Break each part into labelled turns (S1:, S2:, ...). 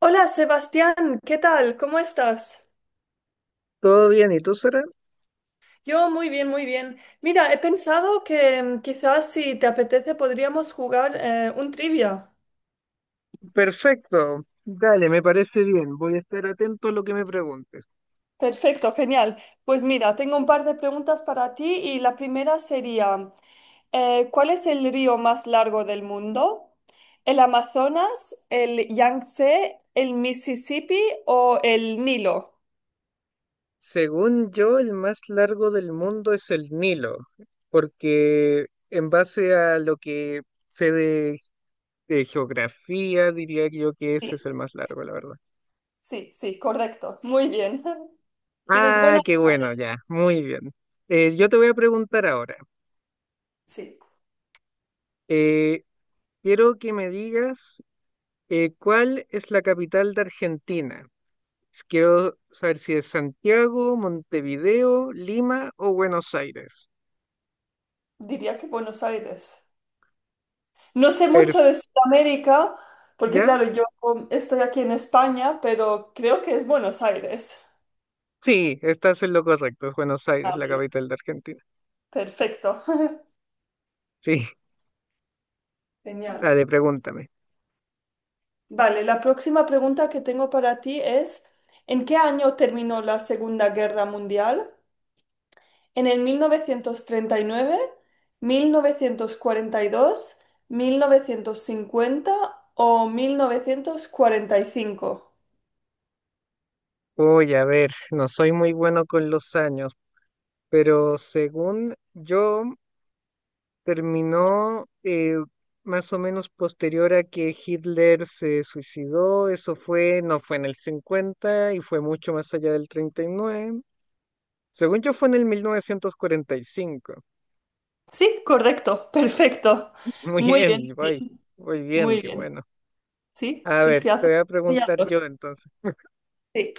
S1: Hola Sebastián, ¿qué tal? ¿Cómo estás?
S2: Todo bien, ¿y tú, Sara?
S1: Yo muy bien, muy bien. Mira, he pensado que quizás si te apetece podríamos jugar un trivia.
S2: Perfecto. Dale, me parece bien. Voy a estar atento a lo que me preguntes.
S1: Perfecto, genial. Pues mira, tengo un par de preguntas para ti y la primera sería, ¿cuál es el río más largo del mundo? ¿El Amazonas, el Yangtze, el Mississippi o el Nilo?
S2: Según yo, el más largo del mundo es el Nilo, porque en base a lo que sé de geografía, diría yo que ese es
S1: Sí,
S2: el más largo, la verdad.
S1: sí, sí, correcto. Muy bien. Tienes
S2: Ah,
S1: buena...
S2: qué bueno, ya, muy bien. Yo te voy a preguntar ahora.
S1: Sí,
S2: eh, Quiero que me digas cuál es la capital de Argentina. Quiero saber si es Santiago, Montevideo, Lima o Buenos Aires.
S1: diría que Buenos Aires. No sé mucho
S2: Perf-
S1: de Sudamérica, porque
S2: ¿Ya?
S1: claro, yo estoy aquí en España, pero creo que es Buenos Aires.
S2: Sí, estás en lo correcto. Es Buenos Aires,
S1: Ah,
S2: la
S1: mira,
S2: capital de Argentina.
S1: perfecto.
S2: Sí,
S1: Genial.
S2: dale, pregúntame.
S1: Vale, la próxima pregunta que tengo para ti es, ¿en qué año terminó la Segunda Guerra Mundial? ¿En el 1939, 1942, 1950 o 1945?
S2: Oye, a ver, no soy muy bueno con los años, pero según yo, terminó más o menos posterior a que Hitler se suicidó. Eso fue, no fue en el 50 y fue mucho más allá del 39. Según yo, fue en el 1945.
S1: Sí, correcto, perfecto.
S2: Muy
S1: Muy
S2: bien,
S1: bien, muy
S2: voy,
S1: bien.
S2: muy bien,
S1: Muy
S2: qué
S1: bien.
S2: bueno.
S1: Sí,
S2: A
S1: sí,
S2: ver,
S1: sí,
S2: te
S1: hace
S2: voy a
S1: ya
S2: preguntar
S1: 2.
S2: yo entonces.
S1: Sí.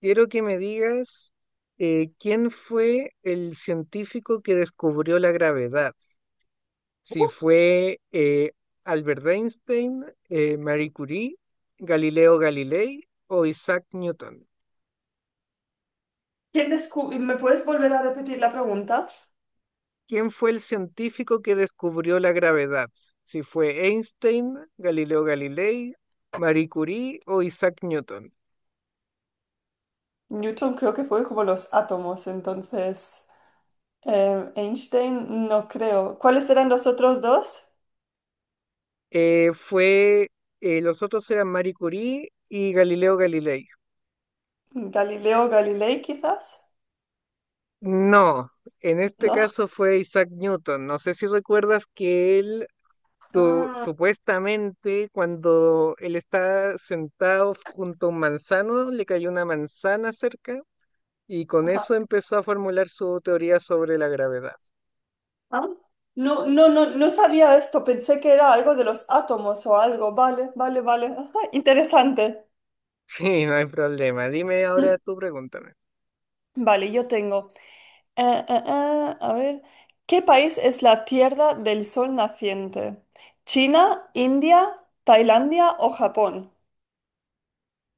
S2: Quiero que me digas quién fue el científico que descubrió la gravedad. Si fue Albert Einstein, Marie Curie, Galileo Galilei o Isaac Newton.
S1: ¿Quién descu- ¿Me puedes volver a repetir la pregunta?
S2: ¿Quién fue el científico que descubrió la gravedad? Si fue Einstein, Galileo Galilei, Marie Curie o Isaac Newton.
S1: Newton creo que fue como los átomos, entonces Einstein no creo. ¿Cuáles eran los otros dos?
S2: Eh, fue, los otros eran Marie Curie y Galileo Galilei.
S1: Galileo Galilei quizás,
S2: No, en este
S1: ¿no?
S2: caso fue Isaac Newton. No sé si recuerdas que él
S1: Ah,
S2: supuestamente cuando él está sentado junto a un manzano, le cayó una manzana cerca y con
S1: ajá.
S2: eso empezó a formular su teoría sobre la gravedad.
S1: Ah. No, no, no, no sabía esto, pensé que era algo de los átomos o algo. Vale, vale, vale. Ajá, interesante.
S2: Sí, no hay problema. Dime ahora
S1: Mm.
S2: tú, pregúntame.
S1: Vale, yo tengo. A ver, ¿qué país es la Tierra del Sol naciente? ¿China, India, Tailandia o Japón?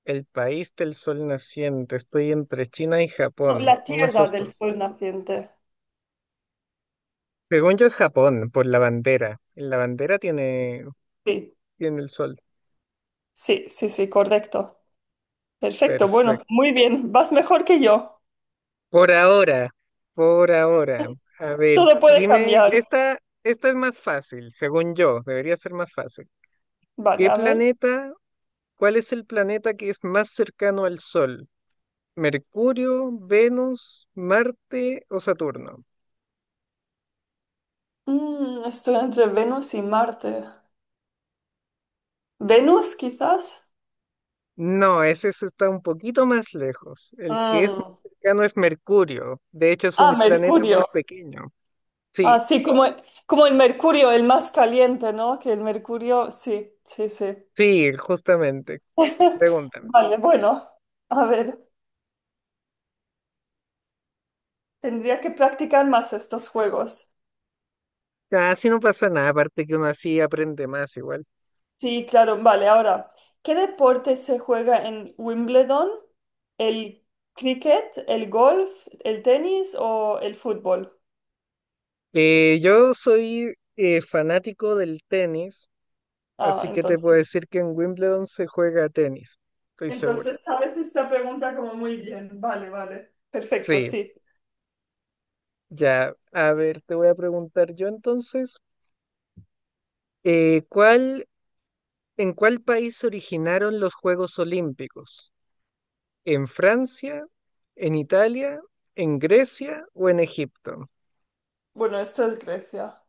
S2: El país del sol naciente. Estoy entre China y
S1: No,
S2: Japón.
S1: la
S2: Uno de
S1: Tierra
S2: esos
S1: del
S2: dos.
S1: Sol naciente.
S2: Según yo es Japón, por la bandera.
S1: Sí,
S2: Tiene el sol.
S1: sí, sí, sí, correcto. Perfecto, bueno,
S2: Perfecto.
S1: muy bien, vas mejor que yo.
S2: Por ahora, por ahora. A ver,
S1: Todo puede
S2: dime,
S1: cambiar.
S2: esta, esta es más fácil, según yo, debería ser más fácil.
S1: Vale,
S2: ¿Qué
S1: a ver.
S2: planeta, ¿Cuál es el planeta que es más cercano al Sol? ¿Mercurio, Venus, Marte o Saturno?
S1: Estoy entre Venus y Marte. ¿Venus, quizás?
S2: No, ese sí está un poquito más lejos. El que es más
S1: Mm.
S2: cercano es Mercurio. De hecho, es
S1: Ah,
S2: un planeta
S1: Mercurio.
S2: muy pequeño.
S1: Ah,
S2: Sí,
S1: sí, como, como el Mercurio, el más caliente, ¿no? Que el Mercurio, sí, sí, sí.
S2: Sí, justamente. Pregúntame.
S1: Vale, bueno, a ver, tendría que practicar más estos juegos.
S2: Ah, así no pasa nada, aparte que uno así aprende más igual.
S1: Sí, claro, vale, ahora, ¿qué deporte se juega en Wimbledon? ¿El cricket, el golf, el tenis o el fútbol?
S2: Yo soy fanático del tenis,
S1: Ah,
S2: así que te puedo
S1: entonces.
S2: decir que en Wimbledon se juega tenis, estoy seguro.
S1: Entonces, sabes esta pregunta como muy bien. Vale, vale. Perfecto,
S2: Sí,
S1: sí.
S2: ya. A ver, te voy a preguntar yo entonces, eh, ¿cuál, en cuál país se originaron los Juegos Olímpicos? ¿En Francia, en Italia, en Grecia o en Egipto?
S1: Bueno, esto es Grecia.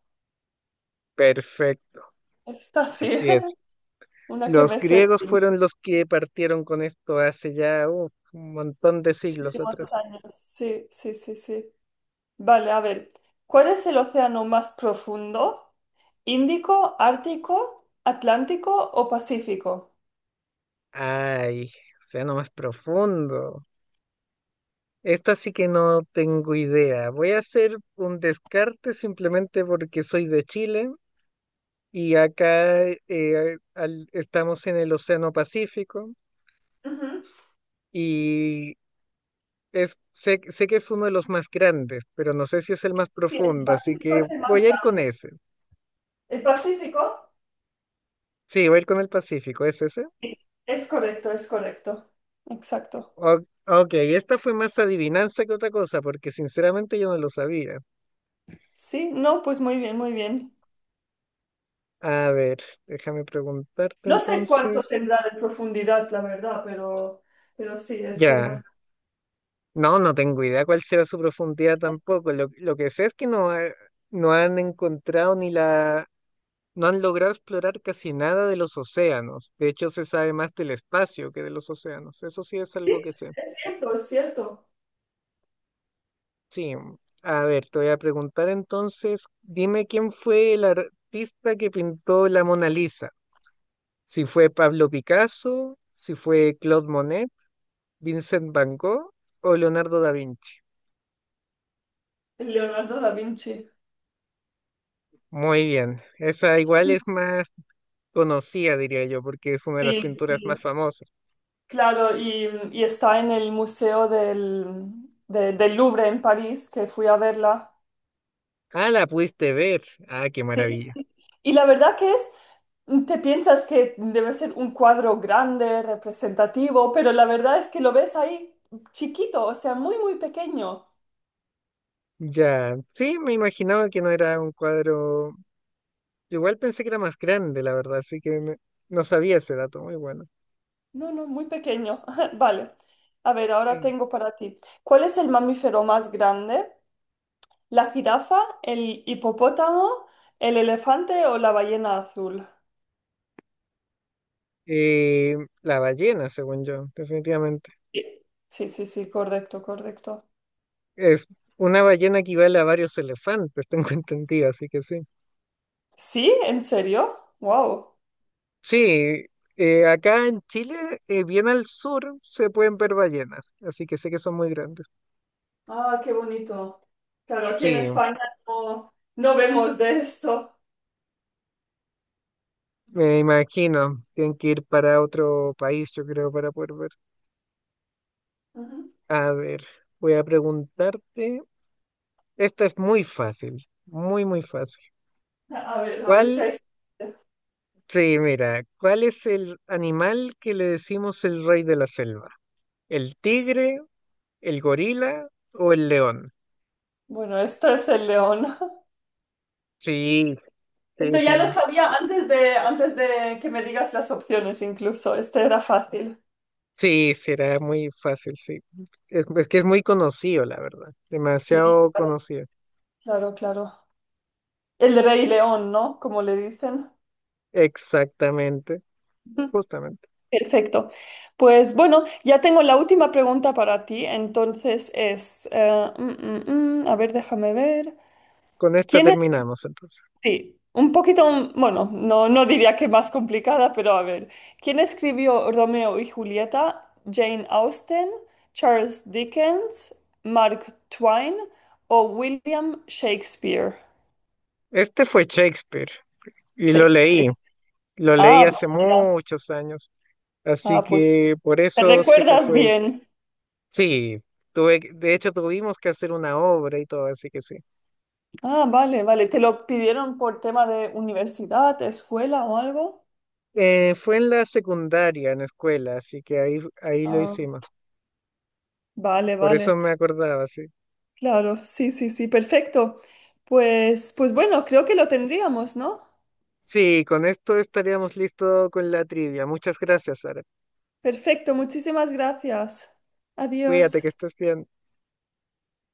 S2: Perfecto,
S1: Esta sí,
S2: así es.
S1: una que
S2: Los
S1: me sé
S2: griegos
S1: de
S2: fueron los que partieron con esto hace ya uf, un montón de siglos
S1: muchísimos
S2: atrás.
S1: años. Sí, sí, sí, sí. Vale, a ver. ¿Cuál es el océano más profundo? ¿Índico, Ártico, Atlántico o Pacífico?
S2: Ay, sea no más profundo. Esta sí que no tengo idea. Voy a hacer un descarte simplemente porque soy de Chile y acá estamos en el Océano Pacífico
S1: Ujú.
S2: y sé que es uno de los más grandes, pero no sé si es el más
S1: Sí, el
S2: profundo, así
S1: Pacífico
S2: que
S1: es el más
S2: voy a ir con
S1: grande.
S2: ese.
S1: ¿El Pacífico?
S2: Sí, voy a ir con el Pacífico, ¿es ese?
S1: Sí. Es correcto, es correcto. Exacto.
S2: O- ok, esta fue más adivinanza que otra cosa, porque sinceramente yo no lo sabía.
S1: Sí, no, pues muy bien, muy bien.
S2: A ver, déjame preguntarte
S1: No sé cuánto
S2: entonces.
S1: tendrá de profundidad, la verdad, pero sí, es el más
S2: Ya,
S1: grande.
S2: no, no tengo idea cuál será su profundidad tampoco. Lo que sé es que no, no han encontrado ni la... No han logrado explorar casi nada de los océanos. De hecho, se sabe más del espacio que de los océanos. Eso sí es
S1: Sí,
S2: algo que sé.
S1: es cierto, es cierto.
S2: Sí. A ver, te voy a preguntar entonces, dime quién fue el artista que pintó la Mona Lisa. Si fue Pablo Picasso, si fue Claude Monet, Vincent Van Gogh o Leonardo da Vinci.
S1: Leonardo da Vinci.
S2: Muy bien, esa igual es más conocida, diría yo, porque es una de las
S1: Sí,
S2: pinturas
S1: sí.
S2: más famosas.
S1: Claro, y está en el Museo del, de- del Louvre en París, que fui a verla.
S2: Ah, la pudiste ver. Ah, qué
S1: Sí,
S2: maravilla.
S1: sí. Y la verdad que es, te piensas que debe ser un cuadro grande, representativo, pero la verdad es que lo ves ahí chiquito, o sea, muy, muy pequeño.
S2: Ya, sí, me imaginaba que no era un cuadro. Igual pensé que era más grande, la verdad, no sabía ese dato, muy bueno.
S1: No, no, muy pequeño. Vale. A ver, ahora
S2: Sí.
S1: tengo para ti. ¿Cuál es el mamífero más grande? ¿La jirafa, el hipopótamo, el elefante o la ballena azul?
S2: Eh, la ballena, según yo, definitivamente.
S1: Sí, sí, sí, sí, correcto, correcto.
S2: Es Una ballena equivale a varios elefantes, tengo entendido, así que sí.
S1: ¿Sí? ¿En serio? ¡Wow!
S2: Sí, acá en Chile, bien al sur, se pueden ver ballenas, así que sé que son muy grandes.
S1: Ah, qué bonito. Claro, aquí
S2: Sí,
S1: en España no, no vemos de esto.
S2: me imagino, tienen que ir para otro país, yo creo, para poder ver.
S1: Ujú.
S2: A ver, voy a preguntarte. Esta es muy fácil, muy, muy fácil.
S1: A ver si
S2: ¿Cuál,
S1: hay...
S2: sí, mira, ¿cuál es el animal que le decimos el rey de la selva? ¿El tigre, el gorila o el león?
S1: Bueno, esto es el león.
S2: Sí,
S1: Esto
S2: sí, sí,
S1: ya lo sabía antes de que me digas las opciones incluso. Este era fácil.
S2: sí, será muy fácil, sí. Es que es muy conocido, la verdad.
S1: Sí,
S2: Demasiado conocido.
S1: claro, claro. El rey león, ¿no? Como le dicen.
S2: Exactamente, justamente.
S1: Perfecto. Pues bueno, ya tengo la última pregunta para ti. Entonces es, a ver, déjame ver.
S2: Con esta
S1: ¿Quién es?
S2: terminamos entonces.
S1: Sí, un poquito, bueno, no, no diría que más complicada, pero a ver. ¿Quién escribió Romeo y Julieta? ¿Jane Austen, Charles Dickens, Mark Twain o William Shakespeare?
S2: Este fue Shakespeare y
S1: Sí,
S2: lo
S1: sí.
S2: leí. Lo leí
S1: Ah, pues,
S2: hace
S1: mira.
S2: muchos años. Así
S1: Ah,
S2: que
S1: pues
S2: por
S1: te
S2: eso sé que
S1: recuerdas
S2: fue.
S1: bien.
S2: Sí, de hecho tuvimos que hacer una obra y todo, así que sí.
S1: Ah, vale, vale. ¿Te lo pidieron por tema de universidad, escuela o algo?
S2: Fue en la secundaria, en la escuela, así que ahí lo
S1: Ah,
S2: hicimos.
S1: vale,
S2: Por eso
S1: vale.
S2: me acordaba, sí.
S1: Claro, sí, sí, sí, perfecto. Pues, pues bueno, creo que lo tendríamos, ¿no?
S2: Sí, con esto estaríamos listos con la trivia. Muchas gracias, Sara.
S1: Perfecto, muchísimas gracias.
S2: Cuídate, que
S1: Adiós.
S2: estés bien.